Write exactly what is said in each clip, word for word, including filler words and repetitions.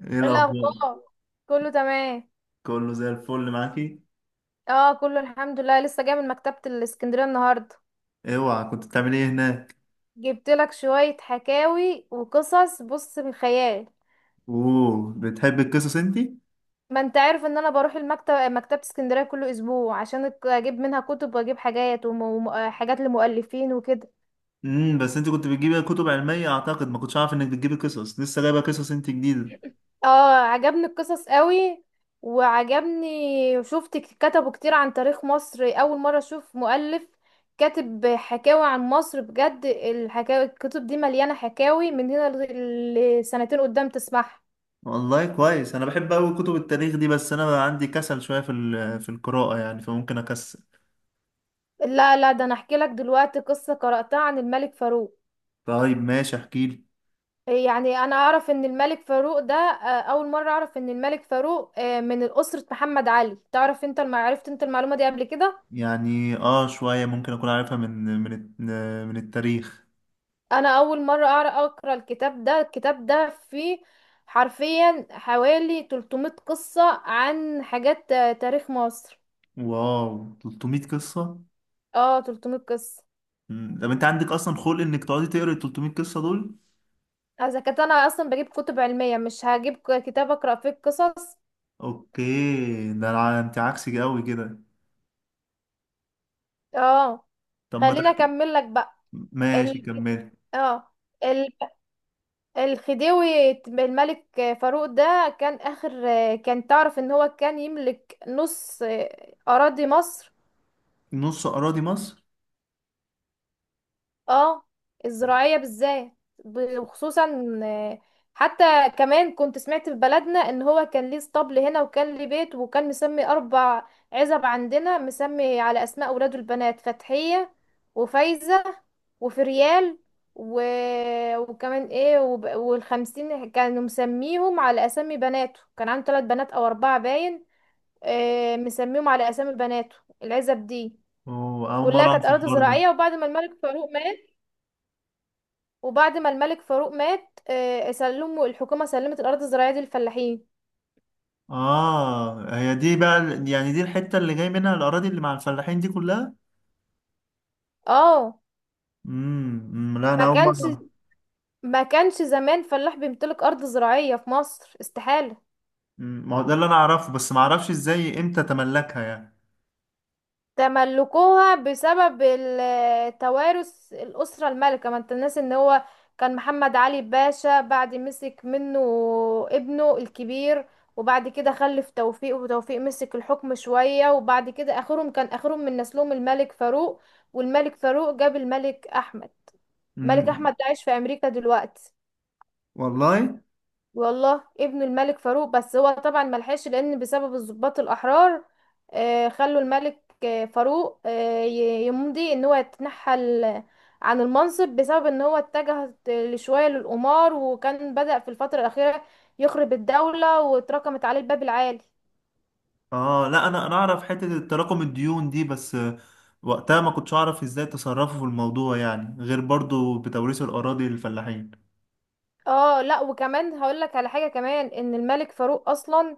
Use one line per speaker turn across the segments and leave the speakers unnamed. ايه
إيه
الاخبار؟
الاخبار؟ كله تمام.
كله زي الفل معاكي؟
اه، كله الحمد لله، لسه جاي من مكتبة الاسكندرية النهاردة.
اوعى، كنت بتعملي ايه هناك؟
جبت لك شوية حكاوي وقصص، بص، من خيال.
اوه، بتحبي القصص انتي؟
ما انت عارف ان انا بروح المكتب مكتبة اسكندرية كل اسبوع عشان أك- اجيب منها كتب واجيب حاجات وحاجات لمؤلفين وكده.
امم بس انتي كنت بتجيبي كتب علميه اعتقد، ما كنتش عارف انك بتجيبي قصص. لسه جايبه قصص انتي جديده؟
اه، عجبني القصص قوي. وعجبني شفت ك- كتبوا كتير عن تاريخ مصر، اول مرة اشوف مؤلف كاتب حكاوي عن مصر بجد، الحكاوي الكتب دي مليانة حكاوي، من هنا ل- لسنتين قدام تسمعها.
والله كويس، انا بحب قوي كتب التاريخ دي. بس انا بقى عندي كسل شويه في ال- في القراءه يعني، فممكن اكسل.
لا لا، ده انا احكي لك دلوقتي قصة قرأتها عن الملك فاروق.
طيب ماشي، احكيلي.
يعني انا اعرف ان الملك فاروق ده آه، اول مرة اعرف ان الملك فاروق آه، من اسرة محمد علي. تعرف انت الم- عرفت انت المعلومة دي قبل كده؟
يعني اه شويه ممكن اكون عارفها من من الت- من التاريخ.
انا اول مره اعرف اقرا الكتاب ده، الكتاب ده فيه حرفيا حوالي تلت مية قصه عن حاجات آه، تاريخ مصر.
واو، تلت مية قصه!
اه، تلت مية قصه.
مم. طب انت عندك اصلا خلق انك تقعدي تقري ال تلت مية قصه دول؟
اذا كنت انا اصلا بجيب كتب علميه مش هجيب ك- كتاب اقرا فيه القصص.
اوكي، ده الع- انت عكسي قوي كده.
اه،
طب ما
خليني
تحكي.
اكمل لك بقى.
ماشي،
ال...
كمل.
اه، ال... الخديوي الملك فاروق ده كان اخر، آه، كان تعرف ان هو كان يملك نص، آه، اراضي مصر.
نص اراضي مصر؟
اه، الزراعية بالذات. ب- وخصوصا، آه، حتى كمان كنت سمعت في بلدنا ان هو كان ليه اسطبل هنا، وكان ليه بيت، وكان مسمي اربع عزب عندنا مسمي على اسماء اولاده البنات، فتحية وفايزة وفريال و... وكمان ايه وب... والخمسين، كانوا مسميهم على اسامي بناته، كان عنده ثلاث بنات او اربعة باين، آه، مسميهم على اسامي بناته العزب دي.
أوه، اول
كلها
مره
كانت
اعرف
اراضي
الحوار ده.
زراعية، وبعد ما الملك فاروق مات، وبعد ما الملك فاروق مات آه، سلموا الحكومة سلمت الأرض الزراعية دي للفلاحين.
اه، هي دي بقى ال- يعني دي الحته اللي جاي منها الاراضي اللي مع الفلاحين دي كلها؟
اه،
امم، أمم، لا، انا
ما
اول مره
كانش
أعرف.
ما كانش زمان فلاح بيمتلك أرض زراعية في مصر، استحالة.
أمم، ما هو ده اللي انا اعرفه، بس ما اعرفش ازاي، امتى تملكها يعني.
تملكوها بسبب ال- توارث الأسرة المالكة، ما انت الناس ان هو كان محمد علي باشا، بعد مسك منه ابنه الكبير، وبعد كده خلف توفيق، وتوفيق مسك الحكم شوية، وبعد كده آخرهم، كان آخرهم من نسلهم الملك فاروق، والملك فاروق جاب الملك أحمد. ملك
امم.
احمد ده عايش في امريكا دلوقتي،
والله.
والله، ابن الملك فاروق، بس هو طبعا ملحقش لان بسبب الضباط الاحرار آه، خلوا الملك آه، فاروق آه، ي- يمضي ان هو يتنحل عن المنصب، بسبب ان هو اتجه شوية للقمار، وكان بدأ في الفترة الأخيرة يخرب الدولة واتركمت عليه الباب العالي.
اه، لا، انا انا اعرف حته تراكم الديون دي، بس آه، وقتها ما كنتش اعرف ازاي تصرفوا في الموضوع، يعني غير برضو بتوريث الاراضي للفلاحين.
اه لا، وكمان هقول لك على حاجة كمان، ان الملك فاروق اصلا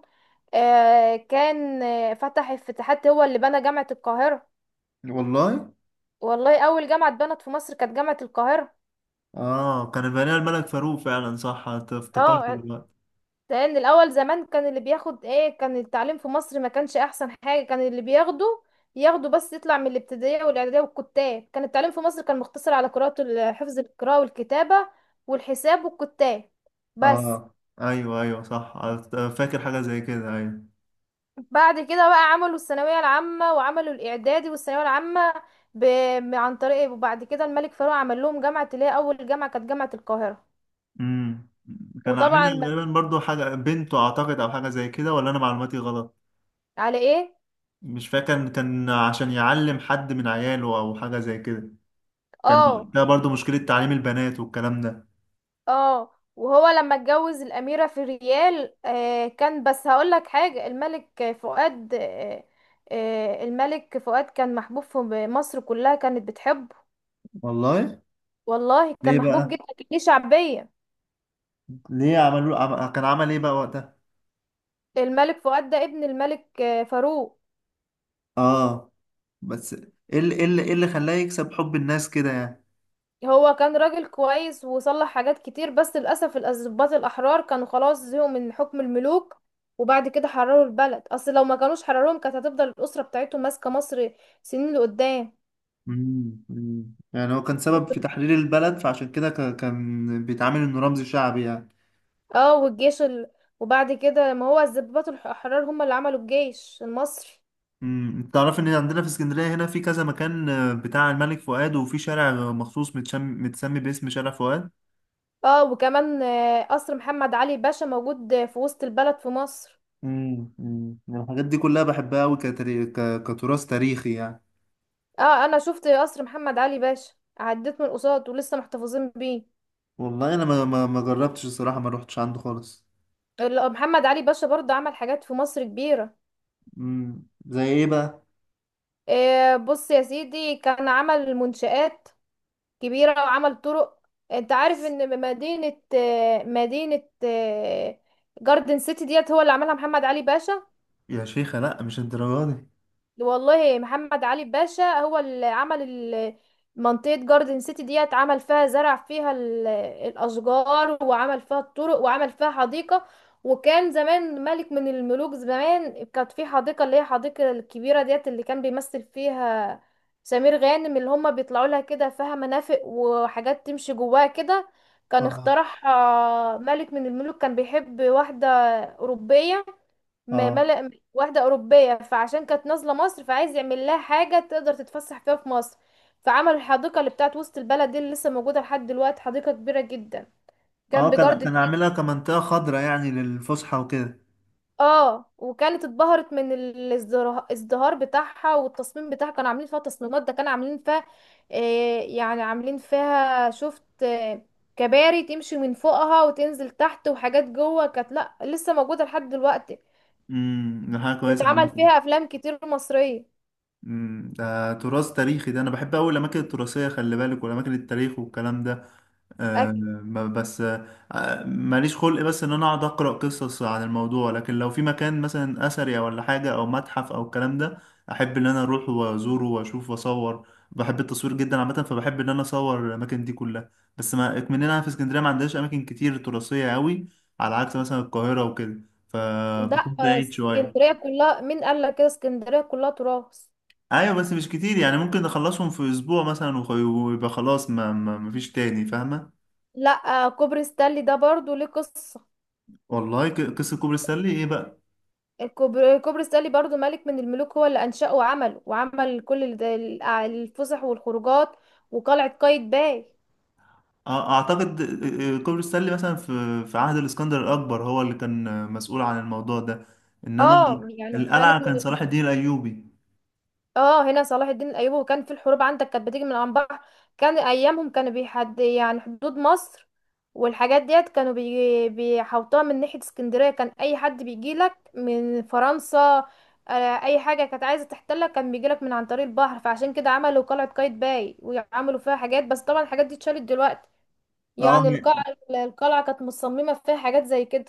آه، كان آه، فتح افتتاحات، هو اللي بنى جامعة القاهرة.
والله.
والله، اول جامعه اتبنت في مصر كانت جامعه القاهره.
اه، كان بني الملك فاروق فعلا، صح. أت- افتكرت
اه،
دلوقتي.
لان الاول زمان كان اللي بياخد ايه، كان التعليم في مصر ما كانش احسن حاجه، كان اللي بياخده ياخده بس يطلع من الابتدائيه والاعداديه والكتاب، كان التعليم في مصر كان مقتصر على قراءه ال- حفظ القراءه والكتابه والحساب والكتاب بس.
اه، ايوه ايوه، صح. أت- فاكر حاجه زي كده، ايوه.
بعد كده بقى عملوا الثانويه العامه، وعملوا الاعدادي والثانويه العامه ب... عن طريق إيه، وبعد كده الملك فاروق عمل لهم جامعه، اللي هي اول جامعه كانت جامعه القاهره.
امم كان
وطبعا
عاملها
ما-
غالبا برضو حاجه بنته اعتقد، او حاجه زي كده، ولا انا معلوماتي غلط؟
على ايه.
مش فاكر، كان كان عشان يعلم حد من عياله، او حاجه زي كده. كان
اه.
ده برضو مشكله تعليم البنات والكلام ده.
اه، وهو لما اتجوز الأميرة في الريال آه كان، بس هقولك حاجة، الملك فؤاد آه آه الملك فؤاد كان محبوب، في مصر كلها كانت بتحبه.
والله.
والله
ليه
كان محبوب
بقى؟
جدا، كان ليه شعبية.
ليه عملوا عم... كان عمل ايه بقى وقتها؟
الملك فؤاد ده ابن الملك آه فاروق.
اه. بس ايه اللي ايه اللي إيه اللي خلاه يكسب حب الناس كده يعني؟
هو كان راجل كويس وصلح حاجات كتير، بس للأسف الضباط الأحرار كانوا خلاص زهقوا من حكم الملوك، وبعد كده حرروا البلد، أصل لو ما كانوش حرروهم كانت هتفضل الأسرة بتاعتهم ماسكة مصر سنين لقدام.
مم، مم. يعني هو كان سبب في تحرير البلد، فعشان كده ك- كان بيتعامل انه رمز شعبي يعني.
اه، والجيش ال... وبعد كده ما هو الضباط الح- الحرار هم اللي عملوا الجيش المصري.
مم. انت تعرف ان عندنا في اسكندريه هنا في كذا مكان آه، بتاع الملك فؤاد، وفي شارع مخصوص متشم... متسمي باسم شارع فؤاد.
اه، وكمان آه، قصر محمد علي باشا موجود آه، في وسط البلد في مصر.
مم، مم. الحاجات دي كلها بحبها قوي كتري... ك... كتراث تاريخي يعني.
اه، انا شفت قصر محمد علي باشا، عديت من قصاد ولسه محتفظين بيه.
والله، انا ما ما, ما جربتش الصراحه، ما روحتش عنده خالص.
ال- محمد علي باشا برضه عمل حاجات في مصر كبيرة.
مم. زي ايه بقى؟
آه، بص يا سيدي، كان عمل منشآت كبيرة وعمل طرق. انت عارف ان مدينة آه، مدينة آه، جاردن سيتي ديت هو اللي عملها محمد علي باشا.
يا شيخة، لا مش الدرجه دي.
والله محمد علي باشا هو اللي عمل ال- منطقة جاردن سيتي ديت، عمل فيها زرع، فيها ال- الأشجار، وعمل فيها الطرق، وعمل فيها حديقة. وكان زمان ملك من الملوك زمان، كانت في حديقة اللي هي الحديقة الكبيرة ديت، اللي كان بيمثل فيها سمير غانم، اللي هما بيطلعوا لها كده، فيها مرافق وحاجات تمشي جواها كده. كان
اه،
اخترعها ملك من الملوك كان بيحب واحدة أوروبية، م-
اه،
ملأ واحدة أوروبية، فعشان كانت نازلة مصر فعايز يعمل لها حاجة تقدر تتفسح فيها في مصر، فعمل الحديقة اللي بتاعت وسط البلد دي، اللي لسه موجودة لحد دلوقتي، حديقة كبيرة جدا
اه،
جنب
كان
جارد
كان عاملها
السيتي.
كمنطقه خضراء يعني للفسحه وكده.
اه، وكانت اتبهرت من ال- الازدرا- الازدهار بتاعها والتصميم بتاعها، كانوا عاملين فيها تصميمات، ده كانوا عاملين فيها، آه، يعني عاملين فيها، شفت، آه، كباري تمشي من فوقها وتنزل تحت، وحاجات جوه كانت، لا لسه موجودة لحد دلوقتي،
امم ده حاجه كويسه
يتعمل
عامه.
فيها أفلام كتير مصرية.
امم ده تراث تاريخي، ده انا بحب قوي الاماكن التراثيه خلي بالك، والاماكن التاريخ والكلام ده. أه ب- بس أه ماليش خلق، بس ان انا اقعد اقرا قصص عن الموضوع، لكن لو في مكان مثلا اثري ولا حاجه او متحف او الكلام ده، احب ان انا اروح وازوره واشوف واصور. بحب التصوير جدا عامه، فبحب ان انا اصور الاماكن دي كلها. بس ما اكمننا في اسكندريه، ما عندناش اماكن كتير تراثيه قوي، على عكس مثلا القاهره وكده،
لا،
فبكون بعيد شويه.
اسكندرية كلها، مين قال لك كده، اسكندرية كلها تراث.
ايوه، بس مش كتير يعني. ممكن اخلصهم في اسبوع مثلا، وخ- ويبقى خلاص، ما ما مفيش تاني، فاهمه؟
لا كوبري ستانلي ده برضو ليه قصة.
والله، ك- قصه كوبري ستانلي ايه بقى؟
الكوبري, كوبري ستانلي برضو ملك من الملوك هو اللي أنشأه وعمله، وعمل كل ال- ال- الفسح والخروجات، وقلعة قايتباي.
أ- اعتقد آه، آه، كوبري ستانلي مثلا في في عهد الاسكندر الاكبر، هو اللي كان آه، مسؤول عن الموضوع ده. انما
اه يعني ملك.
القلعه كان صلاح الدين الايوبي.
اه، هنا صلاح الدين الايوبي، وكان في الحروب عندك كانت بتيجي من عن بحر، كان ايامهم كانوا بيحد يعني حدود مصر، والحاجات ديت كانوا بي... بيحوطوها من ناحية اسكندرية، كان اي حد بيجيلك من فرنسا آه، اي حاجة كانت عايزة تحتلك كان بيجيلك من عن طريق البحر، فعشان كده عملوا قلعة قايتباي، وعملوا فيها حاجات، بس طبعا الحاجات دي اتشالت دلوقتي.
اه،
يعني
هي
القلعة، القلعة كانت مصممة فيها حاجات زي كده.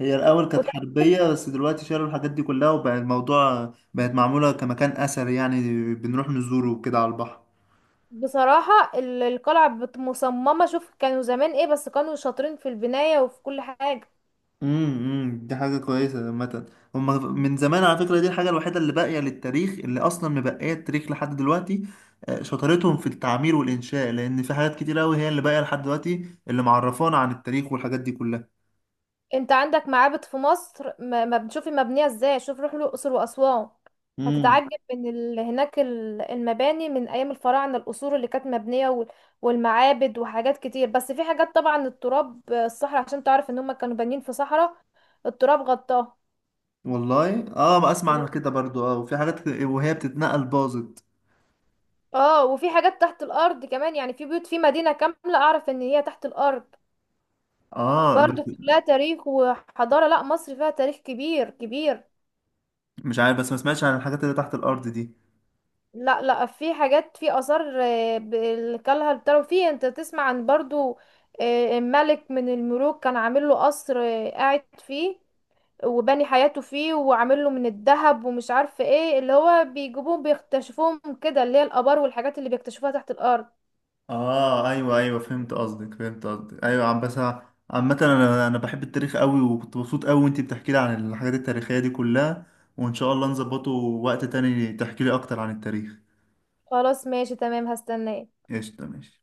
هي الاول كانت حربيه، بس دلوقتي شالوا الحاجات دي كلها وبقى الموضوع، بقت معموله كمكان اثري يعني. بنروح نزوره وكده على البحر.
بصراحة ال- القلعة بت- مصممة، شوف كانوا زمان ايه، بس كانوا شاطرين في البناية وفي كل حاجة.
امم امم. دي حاجة كويسة عامة. هما من زمان على فكرة، دي الحاجة الوحيدة اللي باقية للتاريخ، اللي أصلا مبقية التاريخ لحد دلوقتي. آه، شطارتهم في التعمير والإنشاء، لأن في حاجات كتير أوي هي اللي باقية لحد دلوقتي، اللي معرفانا عن التاريخ والحاجات دي كلها.
انت عندك معابد في مصر، ما ما بتشوفي مبنية ازاي، شوف روح الأقصر وأسوان،
امم
هتتعجب من ال... هناك ال- المباني من أيام الفراعنة، القصور اللي كانت مبنية وال- والمعابد وحاجات كتير، بس في حاجات طبعا التراب، الصحراء، عشان تعرف ان هم كانوا بانيين في صحراء، التراب غطاه.
والله. اه، ما اسمع عن كده برضو. اه، وفي حاجات ك- وهي بتتنقل باظت.
اه، وفي حاجات تحت الأرض كمان، يعني في بيوت، في مدينة كاملة أعرف ان هي تحت الأرض،
اه، بس
برضو كلها تاريخ وحضارة، لا مصر فيها تاريخ كبير كبير.
مش عارف، بس ما سمعتش عن الحاجات اللي تحت الأرض دي.
لا لا، في حاجات، في آثار آه، ب- اللي كلها بتاعه في، انت تسمع عن برضو آه، ملك من الملوك كان عامل له قصر آه، قاعد فيه، وبني حياته فيه، وعامل له من الذهب ومش عارفه ايه، اللي هو بيجيبوهم بيكتشفوهم كده، اللي هي الآبار والحاجات اللي بيكتشفوها تحت الأرض.
اه، ايوه ايوه، فهمت قصدك، فهمت قصدك، ايوه. عم بس أنا- عامة انا انا بحب التاريخ قوي، وكنت مبسوط قوي وانتي بتحكي لي عن الحاجات التاريخية دي كلها. وان شاء الله نظبطه وقت تاني تحكي لي اكتر عن التاريخ.
خلاص ماشي تمام، هستناه.
قشطة، ماشي.